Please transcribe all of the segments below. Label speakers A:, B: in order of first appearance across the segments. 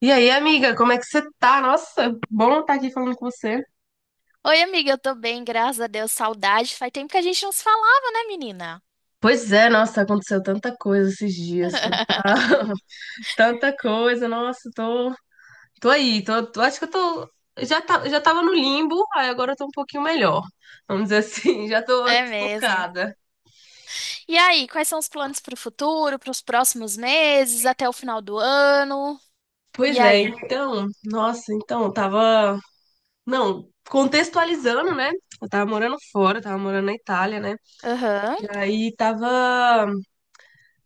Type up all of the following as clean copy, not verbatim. A: E aí, amiga, como é que você tá? Nossa, bom estar aqui falando com você.
B: Oi, amiga, eu tô bem, graças a Deus. Saudade. Faz tempo que a gente não se falava, né, menina?
A: Pois é, nossa, aconteceu tanta coisa esses dias, tanta, tanta coisa, nossa, tô aí, acho que eu tô, já tava no limbo, aí agora eu tô um pouquinho melhor, vamos dizer assim, já tô
B: É mesmo.
A: focada.
B: E aí, quais são os planos pro futuro, pros próximos meses, até o final do ano?
A: Pois
B: E
A: é,
B: aí?
A: então, nossa, então, eu tava, não, contextualizando, né, eu tava morando fora, tava morando na Itália, né,
B: Aham,
A: e aí tava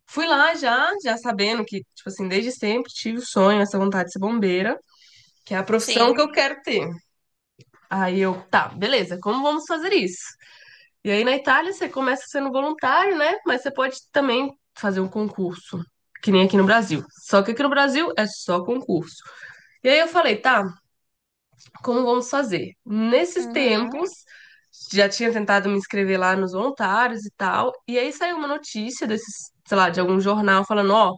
A: fui lá já sabendo que, tipo assim, desde sempre tive o sonho, essa vontade de ser bombeira, que é a profissão que
B: sim.
A: eu quero ter. Aí eu, tá, beleza, como vamos fazer isso? E aí na Itália você começa sendo voluntário, né? Mas você pode também fazer um concurso, que nem aqui no Brasil. Só que aqui no Brasil é só concurso. E aí eu falei, tá, como vamos fazer? Nesses
B: Uhum,
A: tempos, já tinha tentado me inscrever lá nos voluntários e tal, e aí saiu uma notícia desses, sei lá, de algum jornal falando, ó,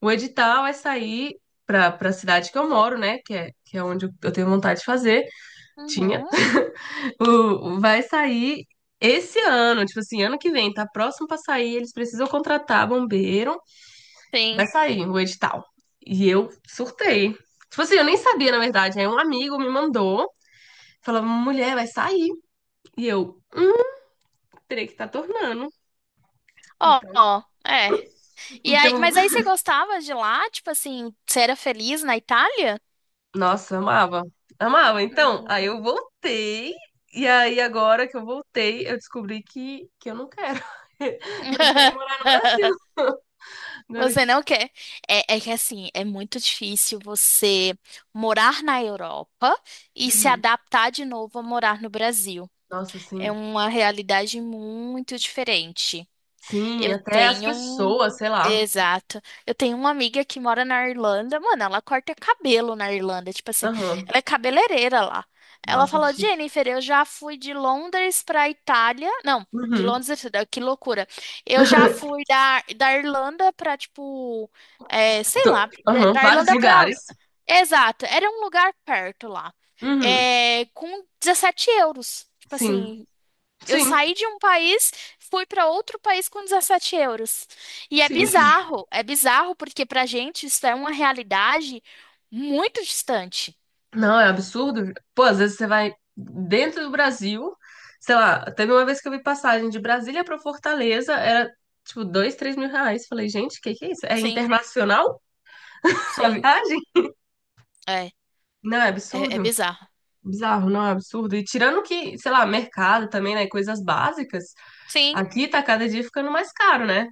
A: o edital vai sair para a cidade que eu moro, né, que é onde eu tenho vontade de fazer, tinha,
B: uhum,
A: vai sair esse ano, tipo assim, ano que vem, tá próximo para sair, eles precisam contratar bombeiro,
B: sim.
A: vai sair o edital. E eu surtei. Tipo assim, eu nem sabia, na verdade, aí um amigo me mandou, falava, mulher, vai sair. E eu, Peraí que tá tornando.
B: Ó,
A: Então,
B: ó, é. E aí,
A: então,
B: mas aí você gostava de lá? Tipo assim, você era feliz na Itália?
A: nossa, amava. Amava. Então, aí eu
B: Hum.
A: voltei. E aí, agora que eu voltei, eu descobri que, eu não quero. Não quero morar no Brasil. Agora que...
B: Você
A: eu-
B: não quer. É que assim, é muito difícil você morar na Europa e se
A: Uhum.
B: adaptar de novo a morar no Brasil.
A: Nossa,
B: É
A: sim.
B: uma realidade muito diferente.
A: Sim,
B: Eu
A: até as
B: tenho. um-
A: pessoas, sei lá.
B: Exato. Eu tenho uma amiga que mora na Irlanda. Mano, ela corta cabelo na Irlanda. Tipo assim,
A: Aham.
B: ela é cabeleireira lá. Ela
A: Nossa, que
B: falou:
A: chique.
B: Jennifer, eu já fui de Londres pra Itália. Não, de
A: Uhum.
B: Londres, que loucura. Eu já fui da Irlanda pra, tipo, é, sei lá, da
A: Aham.
B: da
A: Vários
B: Irlanda pra.
A: lugares.
B: Exato, era um lugar perto lá.
A: Uhum.
B: É, com €17. Tipo
A: Sim,
B: assim, eu
A: sim,
B: saí de um país, fui para outro país com €17. E
A: sim.
B: é bizarro porque pra gente isso é uma realidade muito distante.
A: Não, é um absurdo. Pô, às vezes você vai dentro do Brasil, sei lá, teve uma vez que eu vi passagem de Brasília pra Fortaleza, era tipo dois, 3.000 reais. Falei, gente, o que que é isso? É
B: Sim,
A: internacional a
B: sim,
A: viagem?
B: é,
A: Não, é
B: é
A: absurdo.
B: bizarro.
A: Bizarro, não é um absurdo. E tirando que, sei lá, mercado também, né? Coisas básicas,
B: Sim,
A: aqui tá cada dia ficando mais caro, né?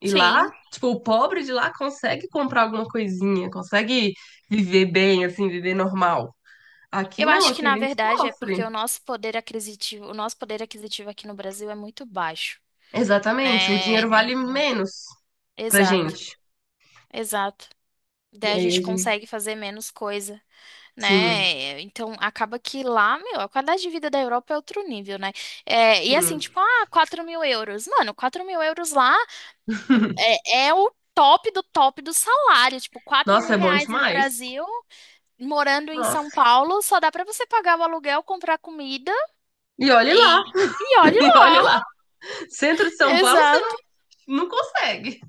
A: E lá,
B: sim.
A: tipo, o pobre de lá consegue comprar alguma coisinha, consegue viver bem, assim, viver normal. Aqui
B: Eu
A: não,
B: acho que
A: aqui a
B: na
A: gente
B: verdade é porque
A: sofre.
B: o nosso poder aquisitivo aqui no Brasil é muito baixo,
A: Exatamente, o
B: né?
A: dinheiro vale menos pra
B: Exato,
A: gente.
B: exato.
A: E
B: Daí a
A: aí
B: gente
A: a gente.
B: consegue fazer menos coisa,
A: Sim,
B: né? Então acaba que lá, meu, a qualidade de vida da Europa é outro nível, né? É, e assim,
A: sim.
B: tipo, ah, €4.000. Mano, €4.000 lá é o top do salário. Tipo, quatro mil
A: Nossa, é bom
B: reais no
A: demais.
B: Brasil, morando em São
A: Nossa.
B: Paulo, só dá pra você pagar o aluguel, comprar comida
A: E olhe lá,
B: e olhe
A: e olhe
B: lá.
A: lá. Centro de São Paulo você não consegue.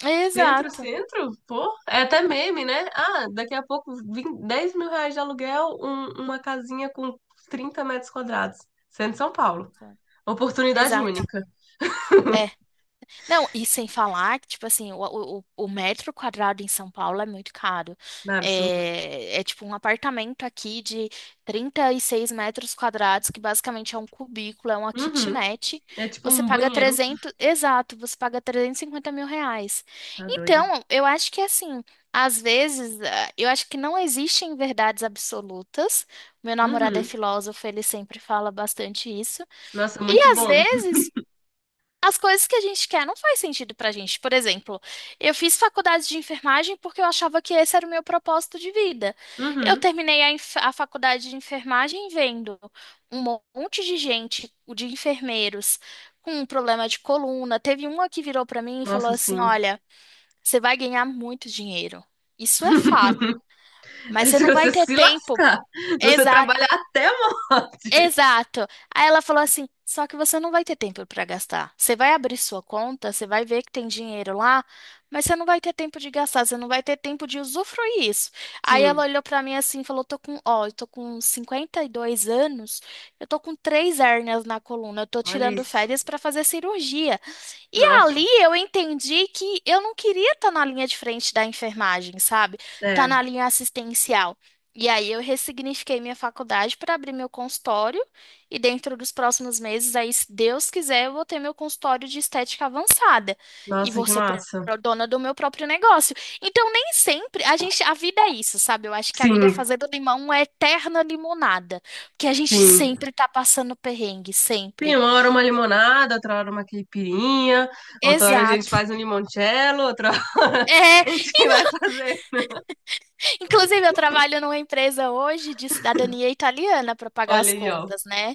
A: Centro,
B: Exato,
A: centro, pô, é até meme, né? Ah, daqui a pouco 10 mil reais de aluguel, uma casinha com 30 metros quadrados. Centro de São Paulo.
B: exato,
A: Oportunidade
B: exato.
A: única.
B: É. Não, e sem falar que, tipo assim, o metro quadrado em São Paulo é muito caro.
A: Não é absurdo?
B: É tipo um apartamento aqui de 36 metros quadrados, que basicamente é um cubículo, é uma
A: Uhum.
B: kitnet.
A: É tipo um banheiro.
B: Você paga R$350.000.
A: Tá doido.
B: Então, eu acho que assim, às vezes, ah, eu acho que não existem verdades absolutas. Meu namorado é
A: Uhum.
B: filósofo, ele sempre fala bastante isso.
A: Nossa,
B: E
A: muito
B: às
A: bom.
B: vezes as coisas que a gente quer não faz sentido pra gente. Por exemplo, eu fiz faculdade de enfermagem porque eu achava que esse era o meu propósito de vida. Eu
A: Uhum.
B: terminei a faculdade de enfermagem vendo um monte de gente, de enfermeiros, com um problema de coluna. Teve uma que virou pra mim e falou
A: Nossa,
B: assim:
A: sim.
B: Olha, você vai ganhar muito dinheiro. Isso é fato,
A: É
B: mas você
A: se
B: não vai
A: você
B: ter
A: se
B: tempo.
A: lascar, se você trabalhar até a morte.
B: Exato. Aí ela falou assim: só que você não vai ter tempo para gastar. Você vai abrir sua conta, você vai ver que tem dinheiro lá, mas você não vai ter tempo de gastar, você não vai ter tempo de usufruir isso. Aí ela
A: Sim,
B: olhou para mim assim e falou: tô com, ó, eu tô com 52 anos, eu tô com três hérnias na coluna, eu tô
A: olha
B: tirando
A: isso.
B: férias para fazer cirurgia. E
A: Nossa,
B: ali eu entendi que eu não queria estar na linha de frente da enfermagem, sabe? Tá
A: é.
B: na linha assistencial. E aí eu ressignifiquei minha faculdade para abrir meu consultório e dentro dos próximos meses, aí se Deus quiser, eu vou ter meu consultório de estética avançada e
A: Nossa, que massa.
B: dona do meu próprio negócio. Então nem sempre a gente, a vida é isso, sabe? Eu acho que a vida é
A: Sim,
B: fazer do limão uma eterna limonada, porque a gente
A: sim.
B: sempre tá passando perrengue,
A: Sim,
B: sempre.
A: uma hora uma limonada, outra hora uma caipirinha, outra hora a gente
B: Exato.
A: faz um limoncello, outra hora
B: É,
A: a gente vai fazer.
B: inclusive, eu trabalho numa empresa hoje de cidadania italiana para pagar
A: Olha
B: as
A: aí, ó.
B: contas, né?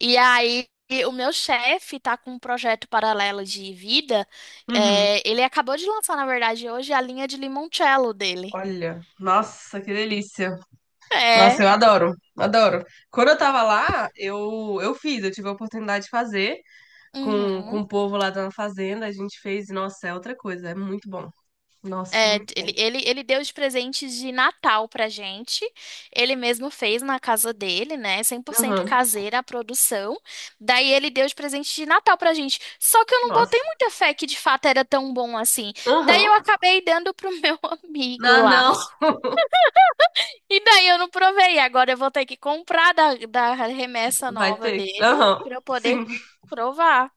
B: E aí, o meu chefe tá com um projeto paralelo de vida.
A: Uhum.
B: É, ele acabou de lançar, na verdade, hoje a linha de limoncello dele.
A: Olha, nossa, que delícia.
B: É.
A: Nossa, eu adoro, adoro. Quando eu tava lá, eu fiz, eu tive a oportunidade de fazer com
B: Uhum.
A: o povo lá da fazenda, a gente fez, e, nossa, é outra coisa, é muito bom. Nossa,
B: É,
A: muito
B: ele,
A: bom.
B: ele, ele deu de presente de Natal pra gente. Ele mesmo fez na casa dele, né? 100%
A: Aham,
B: caseira a produção. Daí ele deu de presente de Natal pra gente. Só que eu não botei
A: nossa.
B: muita fé que de fato era tão bom assim. Daí
A: Aham.
B: eu acabei dando pro meu amigo
A: Ah,
B: lá.
A: não,
B: E daí eu não provei. Agora eu vou ter que comprar da remessa
A: vai
B: nova
A: ter.
B: dele
A: Aham,
B: pra eu poder
A: sim.
B: provar.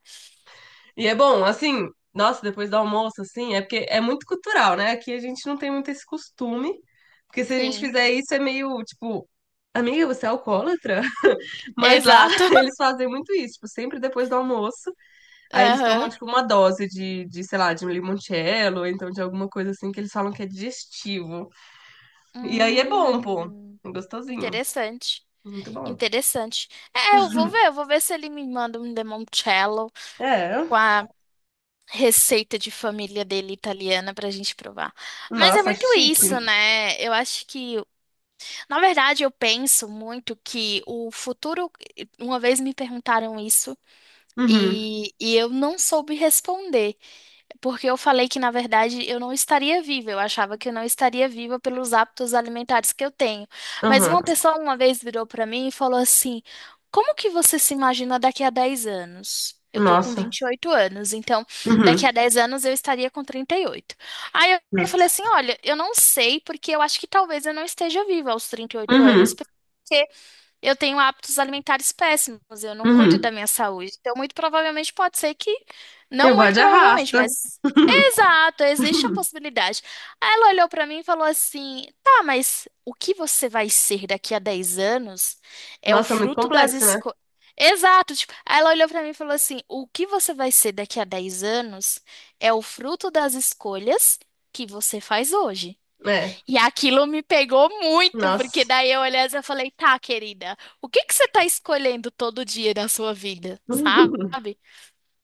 A: E é bom, assim, nossa, depois do almoço, assim, é porque é muito cultural, né? Aqui a gente não tem muito esse costume, porque se a gente
B: Sim,
A: fizer isso é meio, tipo, amiga, você é alcoólatra? Mas lá
B: exato.
A: eles fazem muito isso, tipo, sempre depois do almoço. Aí eles tomam,
B: Aham.
A: tipo, uma dose sei lá, de um limoncello, ou então de alguma coisa assim que eles falam que é digestivo. E aí é bom, pô.
B: Hum,
A: Gostosinho.
B: interessante.
A: Muito bom.
B: Interessante. É, eu vou ver se ele me manda um limoncello
A: É.
B: com a receita de família dele italiana pra gente provar. Mas é
A: Nossa,
B: muito isso,
A: chique.
B: né? Eu acho que, na verdade, eu penso muito que o futuro, uma vez me perguntaram isso
A: Uhum,
B: e eu não soube responder. Porque eu falei que, na verdade, eu não estaria viva. Eu achava que eu não estaria viva pelos hábitos alimentares que eu tenho. Mas
A: uhum.
B: uma pessoa uma vez virou para mim e falou assim: Como que você se imagina daqui a 10 anos? Eu tô com
A: Nossa.
B: 28 anos, então daqui
A: Uhum.
B: a 10 anos eu estaria com 38. Aí eu
A: Gosto.
B: falei assim: Olha, eu não sei, porque eu acho que talvez eu não esteja viva aos 38 anos.
A: Uhum,
B: Porque eu tenho hábitos alimentares péssimos, eu não cuido
A: uhum.
B: da minha saúde. Então, muito provavelmente pode ser que,
A: Eu
B: não
A: vou
B: muito
A: de
B: provavelmente,
A: arrasta.
B: mas exato, existe a possibilidade. Aí ela olhou pra mim e falou assim: tá, mas o que você vai ser daqui a 10 anos é o
A: Nossa, é muito
B: fruto das
A: complexo, né?
B: escolhas. Exato, tipo, aí ela olhou pra mim e falou assim: o que você vai ser daqui a 10 anos é o fruto das escolhas que você faz hoje.
A: É.
B: E aquilo me pegou muito, porque
A: Nossa.
B: daí eu olhei e falei: tá, querida, o que que você tá escolhendo todo dia da sua vida, sabe?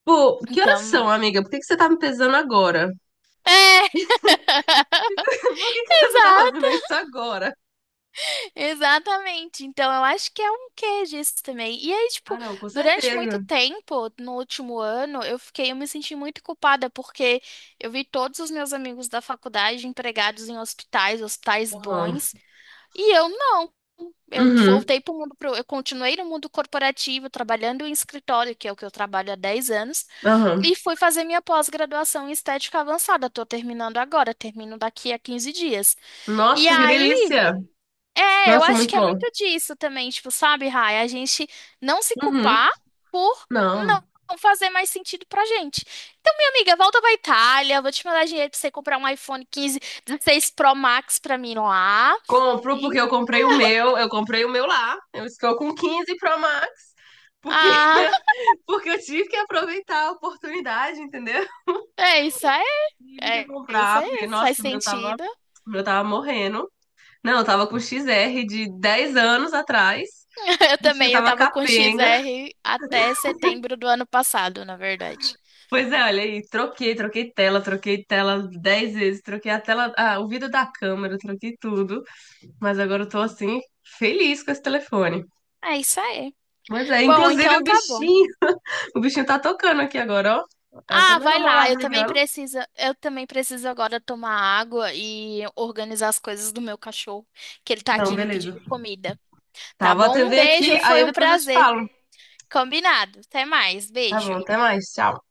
A: Pô, que horas
B: Então,
A: são, amiga? Por que que você tá me pesando agora?
B: é.
A: Por que que você tá fazendo isso agora?
B: Exatamente. Então, eu acho que é um quê disso também. E aí, tipo,
A: Ah, não, com
B: durante muito
A: certeza.
B: tempo, no último ano, eu me senti muito culpada porque eu vi todos os meus amigos da faculdade empregados em hospitais, hospitais
A: Aham.
B: bons, e eu não. Eu
A: Uhum.
B: voltei eu continuei no mundo corporativo, trabalhando em escritório, que é o que eu trabalho há 10 anos,
A: Aham.
B: e fui fazer minha pós-graduação em estética avançada. Tô terminando agora, termino daqui a 15 dias. E
A: Nossa, que
B: aí
A: delícia!
B: é, eu
A: Nossa,
B: acho
A: muito
B: que é
A: bom.
B: muito disso também, tipo, sabe, Rai? A gente não se
A: Uhum.
B: culpar por não
A: Não.
B: fazer mais sentido pra gente. Então, minha amiga, volta pra Itália, vou te mandar dinheiro pra você comprar um iPhone 15, 16 Pro Max pra mim lá.
A: Compro porque
B: E,
A: eu comprei o meu lá. Eu estou com 15 Pro Max, porque,
B: ah,
A: porque eu tive que aproveitar a oportunidade, entendeu?
B: é isso aí,
A: Tive que
B: é isso
A: comprar, porque,
B: aí, faz
A: nossa, o meu tava,
B: sentido.
A: o meu tava morrendo. Não, eu tava com XR de 10 anos atrás.
B: Eu
A: O bichinho
B: também, eu
A: tava
B: tava com
A: capenga.
B: XR até setembro do ano passado, na verdade.
A: Pois é, olha aí, troquei tela 10 vezes, troquei a tela, ah, o vidro da câmera, troquei tudo. Mas agora eu tô assim, feliz com esse telefone.
B: É isso aí.
A: Mas é,
B: Bom,
A: inclusive
B: então
A: o
B: tá bom.
A: bichinho, o bichinho tá tocando aqui agora, ó. É. Até
B: Ah,
A: meu
B: vai lá.
A: namorado ligando.
B: Eu também preciso agora tomar água e organizar as coisas do meu cachorro, que ele tá
A: Não,
B: aqui me
A: beleza.
B: pedindo comida.
A: Tá,
B: Tá
A: vou
B: bom? Um
A: atender aqui,
B: beijo,
A: aí
B: foi um
A: depois eu te
B: prazer.
A: falo.
B: Combinado. Até mais.
A: Tá bom,
B: Beijo.
A: até mais. Tchau.